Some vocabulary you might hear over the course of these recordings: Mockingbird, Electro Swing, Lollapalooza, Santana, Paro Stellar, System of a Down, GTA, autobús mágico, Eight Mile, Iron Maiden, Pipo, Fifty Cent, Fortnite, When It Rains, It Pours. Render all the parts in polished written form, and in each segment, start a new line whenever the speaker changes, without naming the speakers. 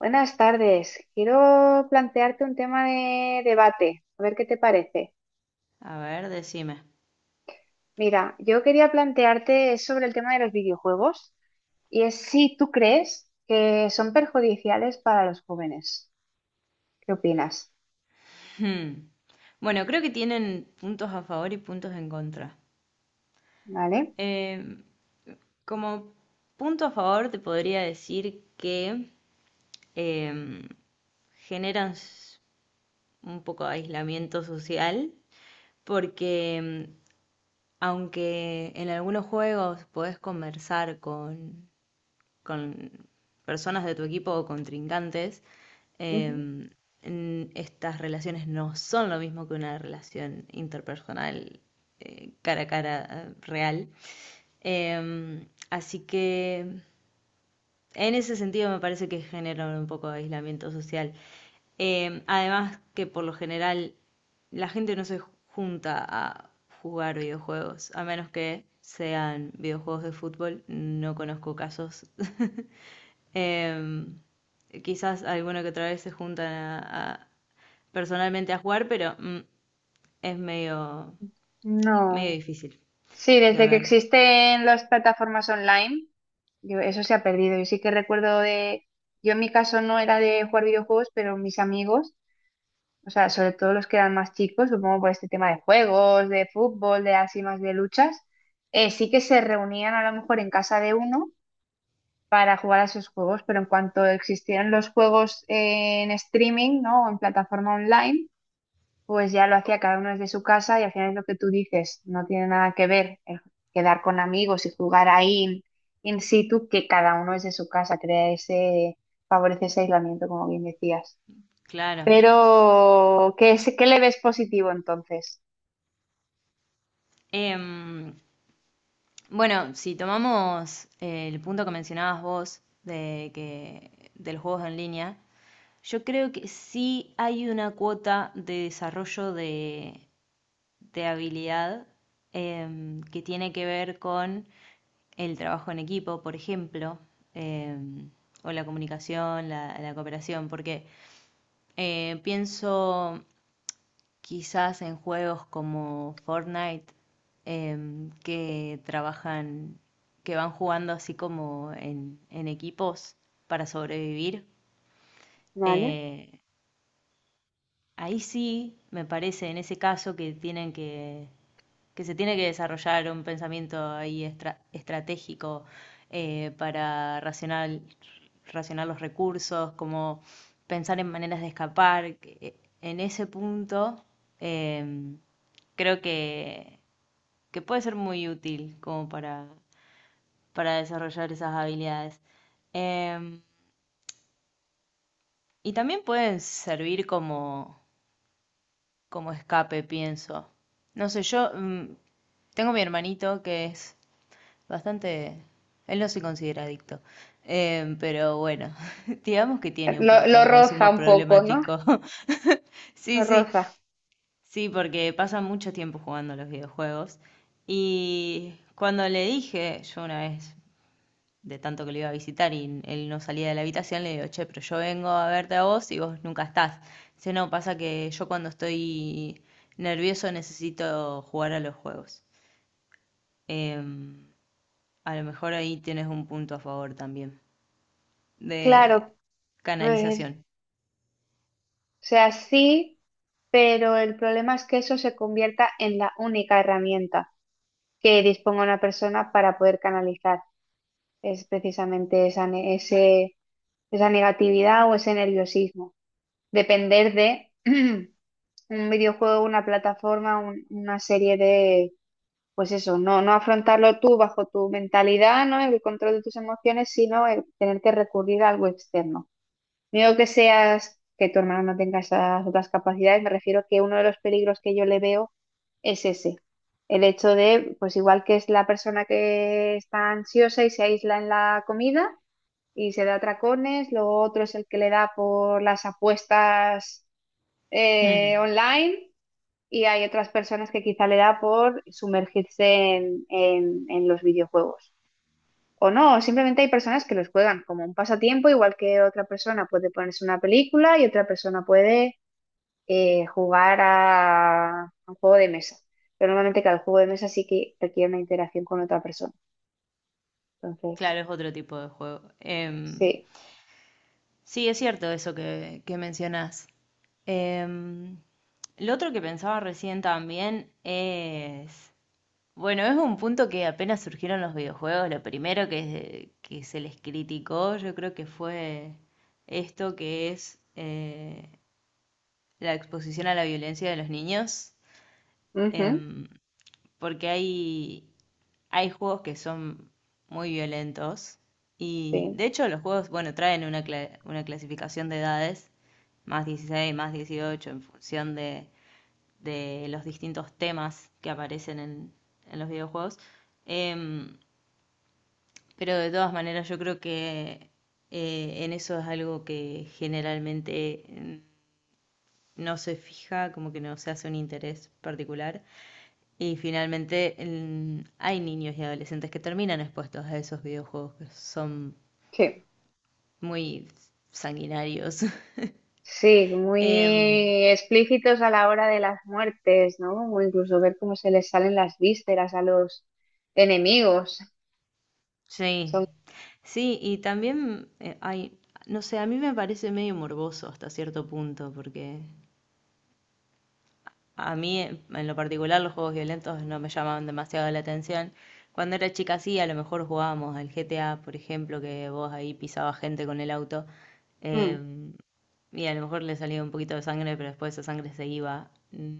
Buenas tardes. Quiero plantearte un tema de debate, a ver qué te parece.
A ver, decime.
Mira, yo quería plantearte sobre el tema de los videojuegos y es si tú crees que son perjudiciales para los jóvenes. ¿Qué opinas?
Hmm. Bueno, creo que tienen puntos a favor y puntos en contra.
¿Vale?
Em, Como punto a favor, te podría decir que em, generan s- un poco de aislamiento social, porque aunque en algunos juegos podés conversar con personas de tu equipo o contrincantes,
Ujú.
eh, estas relaciones no son lo mismo que una relación interpersonal cara a cara real. Así que en ese sentido me parece que genera un poco de aislamiento social. Además que por lo general la gente no se junta a jugar videojuegos, a menos que sean videojuegos de fútbol. No conozco casos. Eh, quizás alguna que otra vez se juntan personalmente a jugar, pero es medio, medio
No.
difícil
Sí,
de
desde que
ver.
existen las plataformas online, eso se ha perdido. Yo sí que recuerdo de, Yo en mi caso no era de jugar videojuegos, pero mis amigos. O sea, sobre todo los que eran más chicos, supongo por este tema de juegos, de fútbol, de así más de luchas, sí que se reunían a lo mejor en casa de uno para jugar a esos juegos, pero en cuanto existieron los juegos en streaming, ¿no? O en plataforma online, pues ya lo hacía cada uno desde su casa y al final es lo que tú dices, no tiene nada que ver el quedar con amigos y jugar ahí in situ, que cada uno desde su casa, crea ese, favorece ese aislamiento, como bien decías.
Claro.
Pero, ¿ qué le ves positivo entonces?
Em, bueno, si tomamos el punto que mencionabas vos de que del juegos en línea, yo creo que sí hay una cuota de desarrollo de habilidad que tiene que ver con el trabajo en equipo, por ejemplo, eh, o la comunicación, la cooperación, porque pienso quizás en juegos como Fortnite, eh, que trabajan, que van jugando así como en equipos para sobrevivir.
¿Vale?
Eh, Ahí sí, me parece, en ese caso que se tiene que desarrollar un pensamiento ahí estratégico para racional, racionar los recursos, como pensar en maneras de escapar. En ese punto, eh, creo que puede ser muy útil como para desarrollar esas habilidades. Eh, y también pueden servir como como escape, pienso. No sé, yo tengo mi hermanito que es bastante... Él no se considera adicto. Pero bueno, digamos que tiene un
Lo,
poquito
lo
de
roza
consumo
un poco, ¿no?
problemático.
Lo
Sí, sí,
roza.
sí, porque pasa mucho tiempo jugando a los videojuegos. Y cuando le dije, yo una vez de tanto que lo iba a visitar y él no salía de la habitación, le digo, che, pero yo vengo a verte a vos y vos nunca estás. Dice, no, pasa que yo cuando estoy nervioso necesito jugar a los juegos. Eh, a lo mejor ahí tienes un punto a favor también de
Claro, ver,
canalización.
o sea, sí, pero el problema es que eso se convierta en la única herramienta que disponga una persona para poder canalizar. Es precisamente esa negatividad o ese nerviosismo. Depender de un videojuego, una plataforma, una serie, pues eso, no, no afrontarlo tú bajo tu mentalidad, ¿no? El control de tus emociones, sino el tener que recurrir a algo externo. No que seas, que tu hermano no tenga esas otras capacidades, me refiero que uno de los peligros que yo le veo es ese. El hecho de, pues igual que es la persona que está ansiosa y se aísla en la comida y se da atracones, lo otro es el que le da por las apuestas online, y hay otras personas que quizá le da por sumergirse en los videojuegos. O no, simplemente hay personas que los juegan como un pasatiempo, igual que otra persona puede ponerse una película y otra persona puede jugar a un juego de mesa. Pero normalmente cada juego de mesa sí que requiere una interacción con otra persona. Entonces,
Claro, es otro tipo de juego.
sí.
Sí, es cierto eso que mencionás. Em, lo otro que pensaba recién también es bueno, es un punto que apenas surgieron los videojuegos, lo primero que se les criticó, yo creo que fue esto que es la exposición a la violencia de los niños,
Ujú,
em, porque hay juegos que son muy violentos y
sí,
de hecho los juegos, bueno, traen una, una clasificación de edades, más 16, más 18, en función de los distintos temas que aparecen en los videojuegos. Em, pero de todas maneras yo creo que en eso es algo que generalmente no se fija, como que no se hace un interés particular. Y finalmente hay niños y adolescentes que terminan expuestos a esos videojuegos que son
sí.
muy sanguinarios.
Sí,
Em,
muy explícitos a la hora de las muertes, ¿no? O incluso ver cómo se les salen las vísceras a los enemigos. Son,
Sí, sí, y también hay, no sé, a mí me parece medio morboso hasta cierto punto, porque a mí en lo particular los juegos violentos no me llamaban demasiado la atención. Cuando era chica sí, a lo mejor jugábamos al GTA, por ejemplo, que vos ahí pisabas gente con el auto,
Mm,
eh, y a lo mejor le salía un poquito de sangre, pero después esa sangre se iba.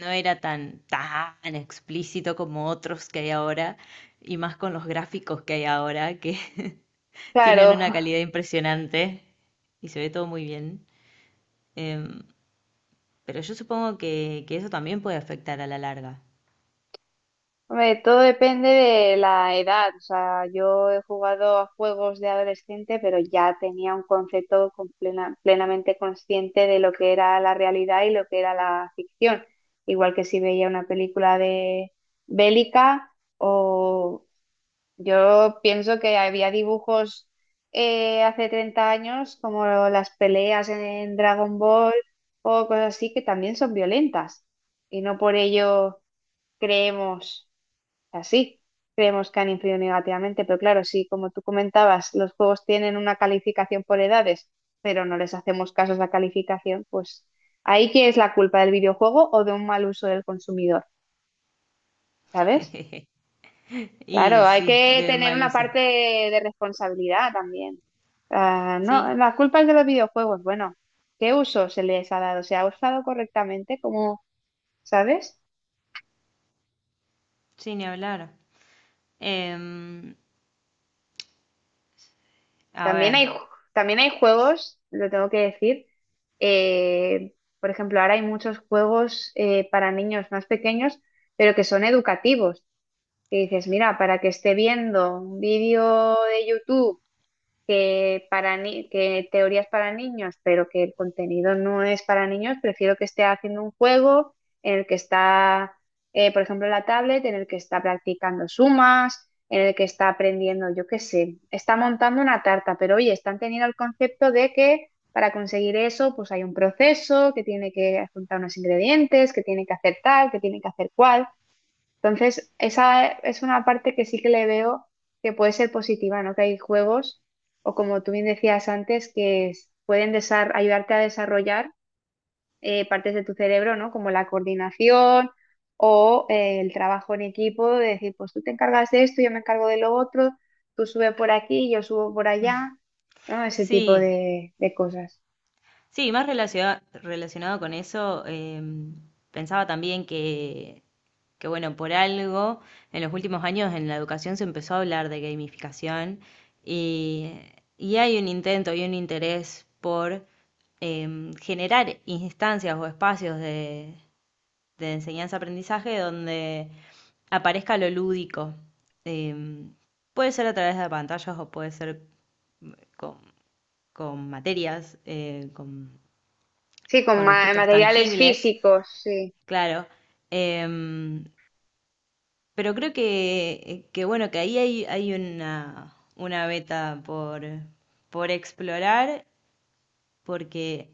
No era tan, tan explícito como otros que hay ahora, y más con los gráficos que hay ahora, que... Tienen
claro.
una calidad impresionante y se ve todo muy bien. Em, pero yo supongo que eso también puede afectar a la larga.
Hombre, todo depende de la edad. O sea, yo he jugado a juegos de adolescente, pero ya tenía un concepto con plenamente consciente de lo que era la realidad y lo que era la ficción. Igual que si veía una película de bélica o... Yo pienso que había dibujos hace 30 años, como las peleas en Dragon Ball o cosas así, que también son violentas. Y no por ello creemos así, creemos que han influido negativamente. Pero claro, sí, como tú comentabas, los juegos tienen una calificación por edades, pero no les hacemos caso a esa calificación, pues ahí que es la culpa del videojuego o de un mal uso del consumidor, ¿sabes? Claro,
Y
hay
sí,
que
de
tener
mal
una
uso.
parte de responsabilidad también. Ah, no,
Sí,
las culpas de los videojuegos. Bueno, ¿qué uso se les ha dado? ¿Se ha usado correctamente? Como, ¿sabes?
sí, ni hablar. Em, a
También
ver,
hay, también hay juegos, lo tengo que decir. eh, por ejemplo, ahora hay muchos juegos para niños más pequeños, pero que son educativos. Que dices, mira, para que esté viendo un vídeo de YouTube que, para que teorías para niños, pero que el contenido no es para niños, prefiero que esté haciendo un juego en el que está, por ejemplo, la tablet, en el que está practicando sumas, en el que está aprendiendo, yo qué sé, está montando una tarta, pero oye, están teniendo el concepto de que para conseguir eso, pues hay un proceso, que tiene que juntar unos ingredientes, que tiene que hacer tal, que tiene que hacer cual. Entonces, esa es una parte que sí que le veo que puede ser positiva, ¿no? Que hay juegos, o como tú bien decías antes, pueden ayudarte a desarrollar partes de tu cerebro, ¿no? Como la coordinación o el trabajo en equipo, de decir, pues tú te encargas de esto, yo me encargo de lo otro, tú sube por aquí, yo subo por allá, ¿no? Ese tipo
sí,
de cosas.
sí, más relacionado, relacionado con eso, pensaba también que bueno, por algo en los últimos años en la educación se empezó a hablar de gamificación y, y hay un intento y un interés por generar instancias o espacios de enseñanza-aprendizaje donde aparezca lo lúdico. Em, puede ser a través de pantallas o puede ser con, con materias,
Sí, con
con objetos
materiales
tangibles,
físicos, sí.
claro. Em, pero creo que bueno, que ahí hay, hay una beta por explorar, porque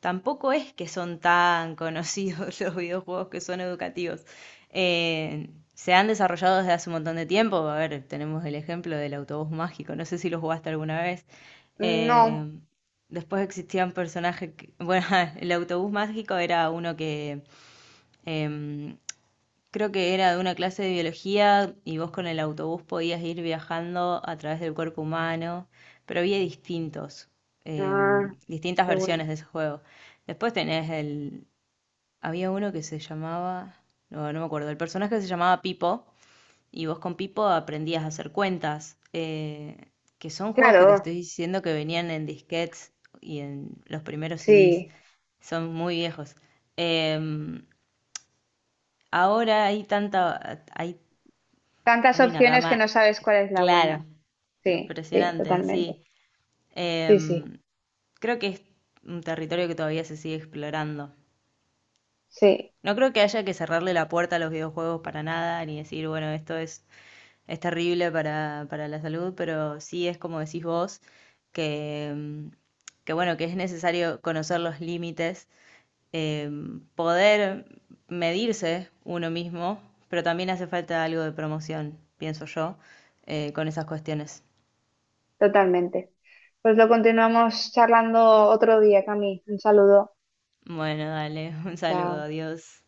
tampoco es que son tan conocidos los videojuegos que son educativos. Eh, se han desarrollado desde hace un montón de tiempo. A ver, tenemos el ejemplo del autobús mágico. No sé si lo jugaste alguna vez. Eh,
No.
después existían personajes bueno, el autobús mágico era uno que em, creo que era de una clase de biología y vos con el autobús podías ir viajando a través del cuerpo humano, pero había distintos, eh,
Ah,
distintas
qué bueno.
versiones de ese juego. Después tenés el... Había uno que se llamaba... No, no me acuerdo. El personaje se llamaba Pipo y vos con Pipo aprendías a hacer cuentas, que son juegos que te
Claro,
estoy diciendo que venían en disquetes y en los primeros CDs.
sí.
Son muy viejos. Em, ahora hay tanta,
Tantas
hay una
opciones que
gama,
no sabes
eh,
cuál es la buena.
claro,
Sí, sí,
impresionante,
totalmente.
sí.
Sí, sí,
Em, creo que es un territorio que todavía se sigue explorando.
sí,
No creo que haya que cerrarle la puerta a los videojuegos para nada, ni decir, bueno, esto es terrible para la salud, pero sí es como decís vos, que, em, que bueno, que es necesario conocer los límites, poder medirse uno mismo, pero también hace falta algo de promoción, pienso yo, con esas cuestiones.
totalmente. Pues lo continuamos charlando otro día, Cami. Un saludo.
Bueno, dale, un saludo,
Chao.
adiós.